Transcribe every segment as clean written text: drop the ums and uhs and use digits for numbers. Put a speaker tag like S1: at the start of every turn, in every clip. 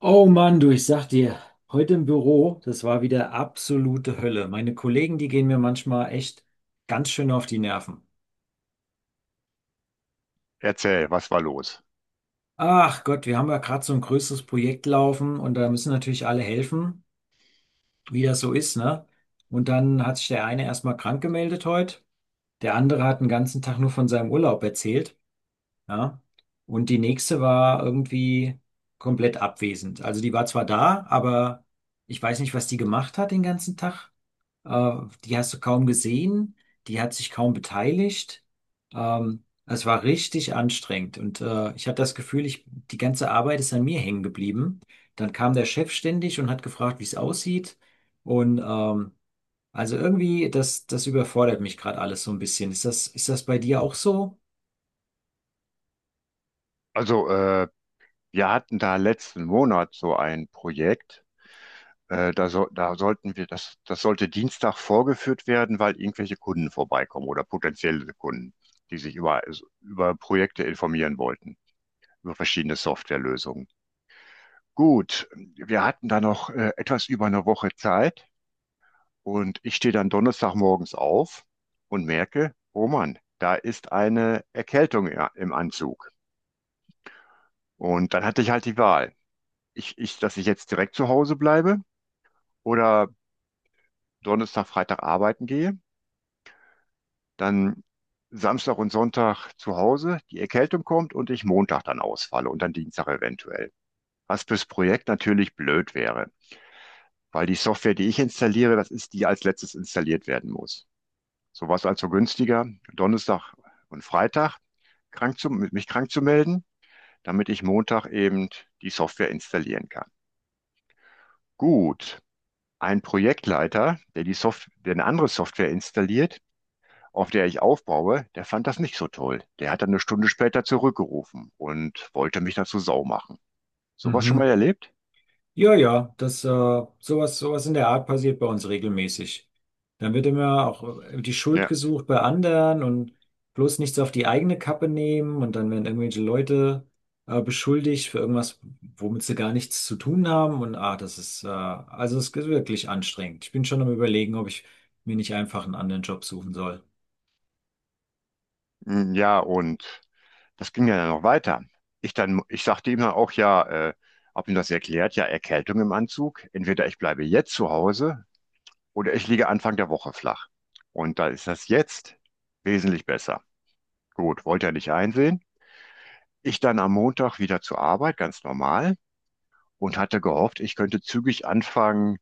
S1: Oh Mann, du, ich sag dir, heute im Büro, das war wieder absolute Hölle. Meine Kollegen, die gehen mir manchmal echt ganz schön auf die Nerven.
S2: Erzähl, was war los?
S1: Ach Gott, wir haben ja gerade so ein größeres Projekt laufen und da müssen natürlich alle helfen, wie das so ist, ne? Und dann hat sich der eine erstmal krank gemeldet heute, der andere hat den ganzen Tag nur von seinem Urlaub erzählt, ja? Und die nächste war irgendwie komplett abwesend. Also die war zwar da, aber ich weiß nicht, was die gemacht hat den ganzen Tag. Äh, Die hast du kaum gesehen, die hat sich kaum beteiligt. Es war richtig anstrengend und ich hatte das Gefühl, die ganze Arbeit ist an mir hängen geblieben. Dann kam der Chef ständig und hat gefragt, wie es aussieht. Und ähm, also irgendwie, das überfordert mich gerade alles so ein bisschen. Ist das bei dir auch so?
S2: Also, äh, Wir hatten da letzten Monat so ein Projekt. Da sollten wir, das sollte Dienstag vorgeführt werden, weil irgendwelche Kunden vorbeikommen oder potenzielle Kunden, die sich über Projekte informieren wollten, über verschiedene Softwarelösungen. Gut, wir hatten da noch etwas über 1 Woche Zeit, und ich stehe dann Donnerstagmorgens auf und merke, oh Mann, da ist eine Erkältung ja, im Anzug. Und dann hatte ich halt die Wahl. Dass ich jetzt direkt zu Hause bleibe oder Donnerstag, Freitag arbeiten gehe, dann Samstag und Sonntag zu Hause, die Erkältung kommt und ich Montag dann ausfalle und dann Dienstag eventuell. Was fürs Projekt natürlich blöd wäre, weil die Software, die ich installiere, das ist die, als letztes installiert werden muss. So war es also günstiger, Donnerstag und Freitag mich krank zu melden, damit ich Montag eben die Software installieren kann. Gut, ein Projektleiter, der die Soft der eine andere Software installiert, auf der ich aufbaue, der fand das nicht so toll. Der hat dann 1 Stunde später zurückgerufen und wollte mich dazu sau machen. Sowas schon
S1: Mhm.
S2: mal erlebt?
S1: Ja, ja, sowas, sowas in der Art passiert bei uns regelmäßig. Dann wird immer auch die Schuld
S2: Ja.
S1: gesucht bei anderen und bloß nichts auf die eigene Kappe nehmen und dann werden irgendwelche Leute beschuldigt für irgendwas, womit sie gar nichts zu tun haben und ah, das ist, also es ist wirklich anstrengend. Ich bin schon am Überlegen, ob ich mir nicht einfach einen anderen Job suchen soll.
S2: Mm, ja, und das ging ja dann noch weiter. Ich sagte ihm dann auch, ja, äh, hab ihm das erklärt, ja, Erkältung im Anzug. Entweder ich bleibe jetzt zu Hause oder ich liege Anfang der Woche flach. Und da ist das jetzt wesentlich besser. Gut, wollte er nicht einsehen. Ich dann am Montag wieder zur Arbeit, ganz normal, und hatte gehofft, ich könnte zügig anfangen,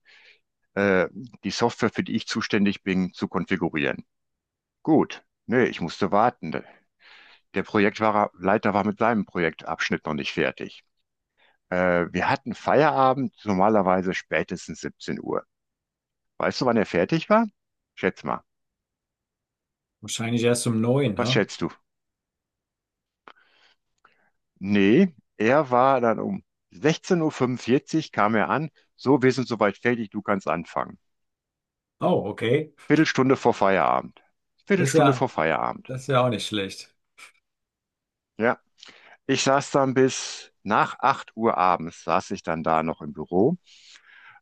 S2: äh, die Software, für die ich zuständig bin, zu konfigurieren. Gut, nee, ich musste warten. Der Projektleiter war mit seinem Projektabschnitt noch nicht fertig. Wir hatten Feierabend, normalerweise spätestens 17 Uhr. Weißt du, wann er fertig war? Schätz mal.
S1: Wahrscheinlich erst um neun,
S2: Was
S1: hä?
S2: schätzt du? Nee, er war dann um 16:45 Uhr fünfundvierzig kam er an. So, wir sind soweit fertig, du kannst anfangen.
S1: Oh, okay.
S2: Viertelstunde vor Feierabend.
S1: Das ist
S2: Viertelstunde
S1: ja,
S2: vor Feierabend.
S1: das ist ja auch nicht schlecht.
S2: Ja, ich saß dann bis nach 8 Uhr abends, saß ich dann da noch im Büro,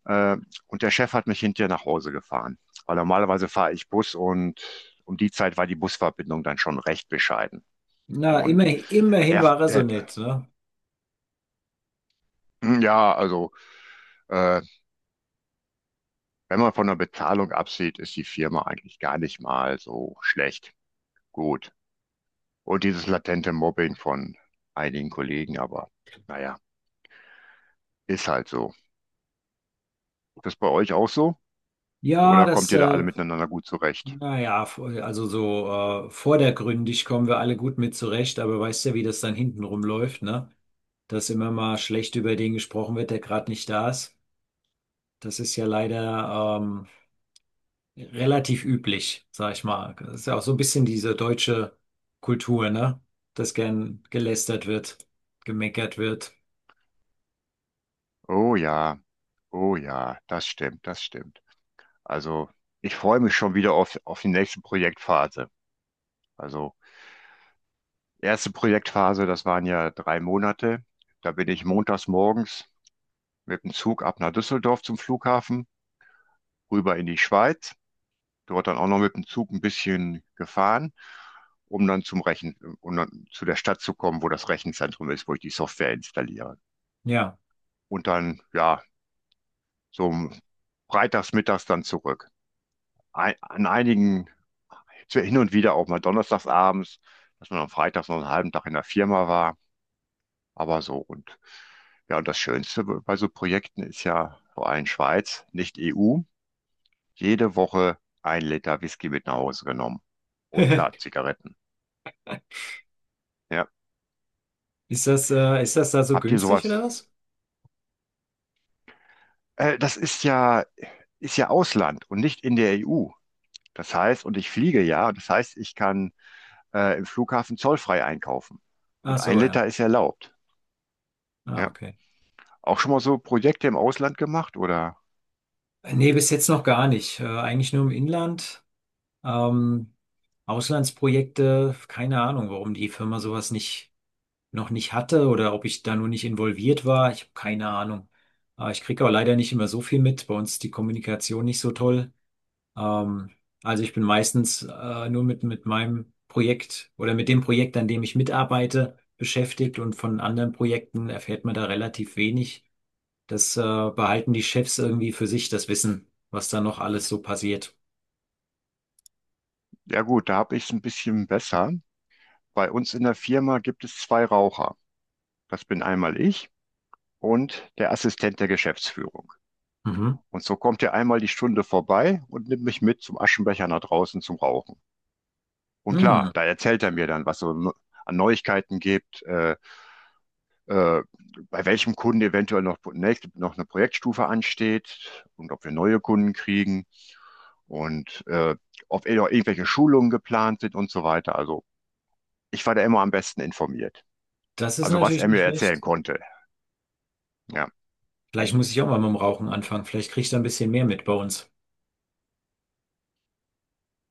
S2: äh, und der Chef hat mich hinterher nach Hause gefahren, weil normalerweise fahre ich Bus, und um die Zeit war die Busverbindung dann schon recht bescheiden.
S1: Na, immer,
S2: Und
S1: immerhin
S2: er,
S1: war er so
S2: der,
S1: nett, ne?
S2: ja, also äh, wenn man von der Bezahlung absieht, ist die Firma eigentlich gar nicht mal so schlecht. Gut. Und dieses latente Mobbing von einigen Kollegen, aber naja, ist halt so. Das bei euch auch so?
S1: Ja,
S2: Oder kommt ihr da alle miteinander gut zurecht?
S1: naja, also so vordergründig kommen wir alle gut mit zurecht, aber weißt ja, wie das dann hinten rumläuft, ne? Dass immer mal schlecht über den gesprochen wird, der gerade nicht da ist. Das ist ja leider relativ üblich, sag ich mal. Das ist ja auch so ein bisschen diese deutsche Kultur, ne? Dass gern gelästert wird, gemeckert wird.
S2: Oh ja, oh ja, das stimmt, das stimmt. Also, ich freue mich schon wieder auf die nächste Projektphase. Also, erste Projektphase, das waren ja 3 Monate. Da bin ich montags morgens mit dem Zug ab nach Düsseldorf zum Flughafen, rüber in die Schweiz. Dort dann auch noch mit dem Zug ein bisschen gefahren, um um dann zu der Stadt zu kommen, wo das Rechenzentrum ist, wo ich die Software installiere.
S1: Ja.
S2: Und dann, ja, so um freitags, mittags dann zurück. Ein, an einigen, so hin und wieder auch mal donnerstags abends, dass man am Freitag noch einen halben Tag in der Firma war, aber so. Und ja, und das Schönste bei so Projekten ist ja vor allem Schweiz, nicht EU, jede Woche 1 Liter Whisky mit nach Hause genommen. Und klar, Zigaretten. Ja.
S1: Ist das da so
S2: Habt ihr
S1: günstig
S2: sowas?
S1: oder was?
S2: Äh, das ist ja, ist ja Ausland und nicht in der EU. Das heißt, und ich fliege ja, das heißt, ich kann im Flughafen zollfrei einkaufen.
S1: Ach
S2: Und ein
S1: so,
S2: Liter
S1: ja.
S2: ist erlaubt.
S1: Ah,
S2: Ja.
S1: okay.
S2: Auch schon mal so Projekte im Ausland gemacht oder?
S1: Nee, bis jetzt noch gar nicht. Eigentlich nur im Inland. Ähm, Auslandsprojekte, keine Ahnung, warum die Firma sowas nicht, noch nicht hatte oder ob ich da nur nicht involviert war. Ich habe keine Ahnung. Ich kriege auch leider nicht immer so viel mit. Bei uns ist die Kommunikation nicht so toll. Ähm, also ich bin meistens nur mit meinem Projekt oder mit dem Projekt, an dem ich mitarbeite, beschäftigt und von anderen Projekten erfährt man da relativ wenig. Das behalten die Chefs irgendwie für sich, das Wissen, was da noch alles so passiert.
S2: Ja gut, da habe ich es ein bisschen besser. Bei uns in der Firma gibt es 2 Raucher. Das bin einmal ich und der Assistent der Geschäftsführung.
S1: Mhm.
S2: Und so kommt er einmal die Stunde vorbei und nimmt mich mit zum Aschenbecher nach draußen zum Rauchen. Und klar,
S1: Hm,
S2: da erzählt er mir dann, was so an Neuigkeiten gibt, äh, bei welchem Kunden eventuell nächste, noch eine Projektstufe ansteht und ob wir neue Kunden kriegen, und ob eh noch irgendwelche Schulungen geplant sind und so weiter. Also ich war da immer am besten informiert.
S1: das ist
S2: Also was
S1: natürlich
S2: er mir
S1: nicht
S2: erzählen
S1: schlecht.
S2: konnte. Ja,
S1: Vielleicht muss ich auch mal mit dem Rauchen anfangen. Vielleicht kriege ich da ein bisschen mehr mit bei uns.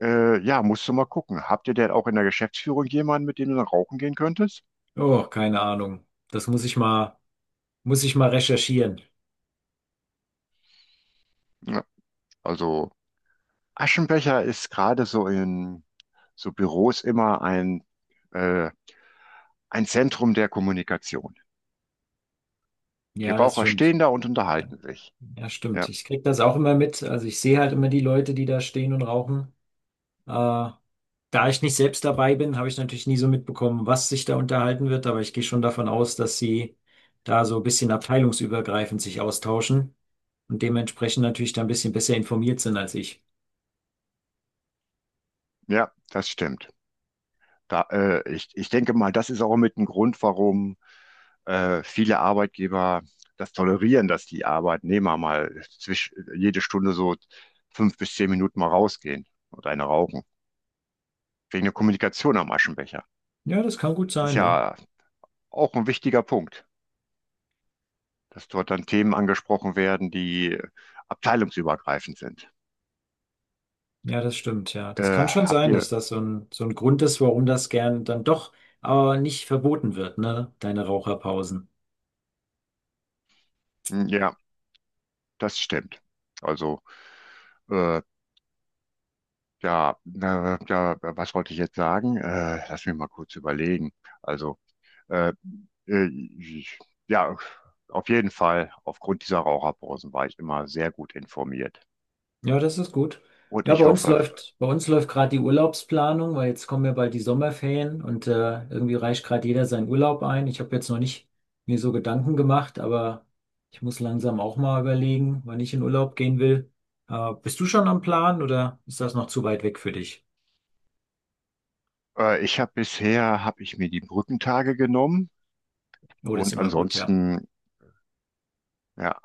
S2: ja, musst du mal gucken. Habt ihr denn auch in der Geschäftsführung jemanden, mit dem du dann rauchen gehen könntest?
S1: Oh, keine Ahnung. Das muss ich mal, Muss ich mal recherchieren.
S2: Ja, also Aschenbecher ist gerade so in so Büros immer äh, ein Zentrum der Kommunikation. Die
S1: Ja, das
S2: Raucher
S1: stimmt.
S2: stehen da und unterhalten sich.
S1: Ja, stimmt.
S2: Ja,
S1: Ich kriege das auch immer mit. Also ich sehe halt immer die Leute, die da stehen und rauchen. Äh, Da ich nicht selbst dabei bin, habe ich natürlich nie so mitbekommen, was sich da unterhalten wird, aber ich gehe schon davon aus, dass sie da so ein bisschen abteilungsübergreifend sich austauschen und dementsprechend natürlich da ein bisschen besser informiert sind als ich.
S2: ja, das stimmt. Ich denke mal, das ist auch mit ein Grund, warum viele Arbeitgeber das tolerieren, dass die Arbeitnehmer jede Stunde so 5 bis 10 Minuten mal rausgehen und eine rauchen. Wegen der Kommunikation am Aschenbecher.
S1: Ja, das kann gut
S2: Das ist
S1: sein, ja.
S2: ja auch ein wichtiger Punkt, dass dort dann Themen angesprochen werden, die abteilungsübergreifend sind.
S1: Ja, das stimmt, ja.
S2: Äh,
S1: Das kann schon
S2: habt
S1: sein, dass
S2: ihr,
S1: das so so ein Grund ist, warum das gern dann doch aber nicht verboten wird, ne? Deine Raucherpausen.
S2: ja, das stimmt. Also äh, ja, ja, was wollte ich jetzt sagen? Lass mich mal kurz überlegen. Also, äh, äh, ich- ja, auf jeden Fall, aufgrund dieser Raucherpausen war ich immer sehr gut informiert.
S1: Ja, das ist gut.
S2: Und
S1: Ja,
S2: ich hoffe,
S1: bei uns läuft gerade die Urlaubsplanung, weil jetzt kommen ja bald die Sommerferien und irgendwie reicht gerade jeder seinen Urlaub ein. Ich habe jetzt noch nicht mir so Gedanken gemacht, aber ich muss langsam auch mal überlegen, wann ich in Urlaub gehen will. Bist du schon am Plan oder ist das noch zu weit weg für dich?
S2: ich habe bisher, habe ich mir die Brückentage genommen,
S1: Oh, das ist
S2: und
S1: immer gut, ja.
S2: ansonsten, ja,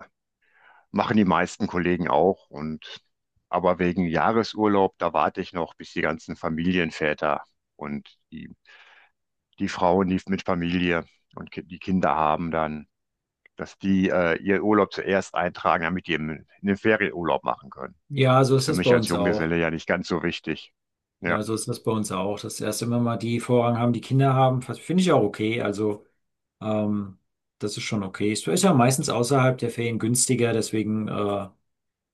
S2: machen die meisten Kollegen auch. Und, aber wegen Jahresurlaub, da warte ich noch, bis die ganzen Familienväter und die Frauen, die mit Familie und die Kinder haben, dann dass die ihren Urlaub zuerst eintragen, damit die einen Ferienurlaub machen können.
S1: Ja, so
S2: Ist
S1: ist
S2: für
S1: das bei
S2: mich als
S1: uns auch.
S2: Junggeselle ja nicht ganz so wichtig. Ja,
S1: Ja, so ist das bei uns auch. Dass erst immer mal die Vorrang haben, die Kinder haben, finde ich auch okay. Also. Ähm, das ist schon okay. Es ist ja meistens außerhalb der Ferien günstiger, deswegen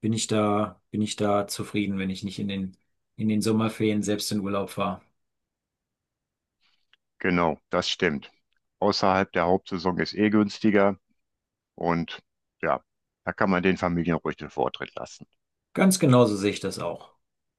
S1: bin ich da zufrieden, wenn ich nicht in in den Sommerferien selbst in Urlaub fahre.
S2: genau, das stimmt. Außerhalb der Hauptsaison ist eh günstiger, und ja, da kann man den Familien ruhig den Vortritt lassen.
S1: Ganz genauso sehe ich das auch.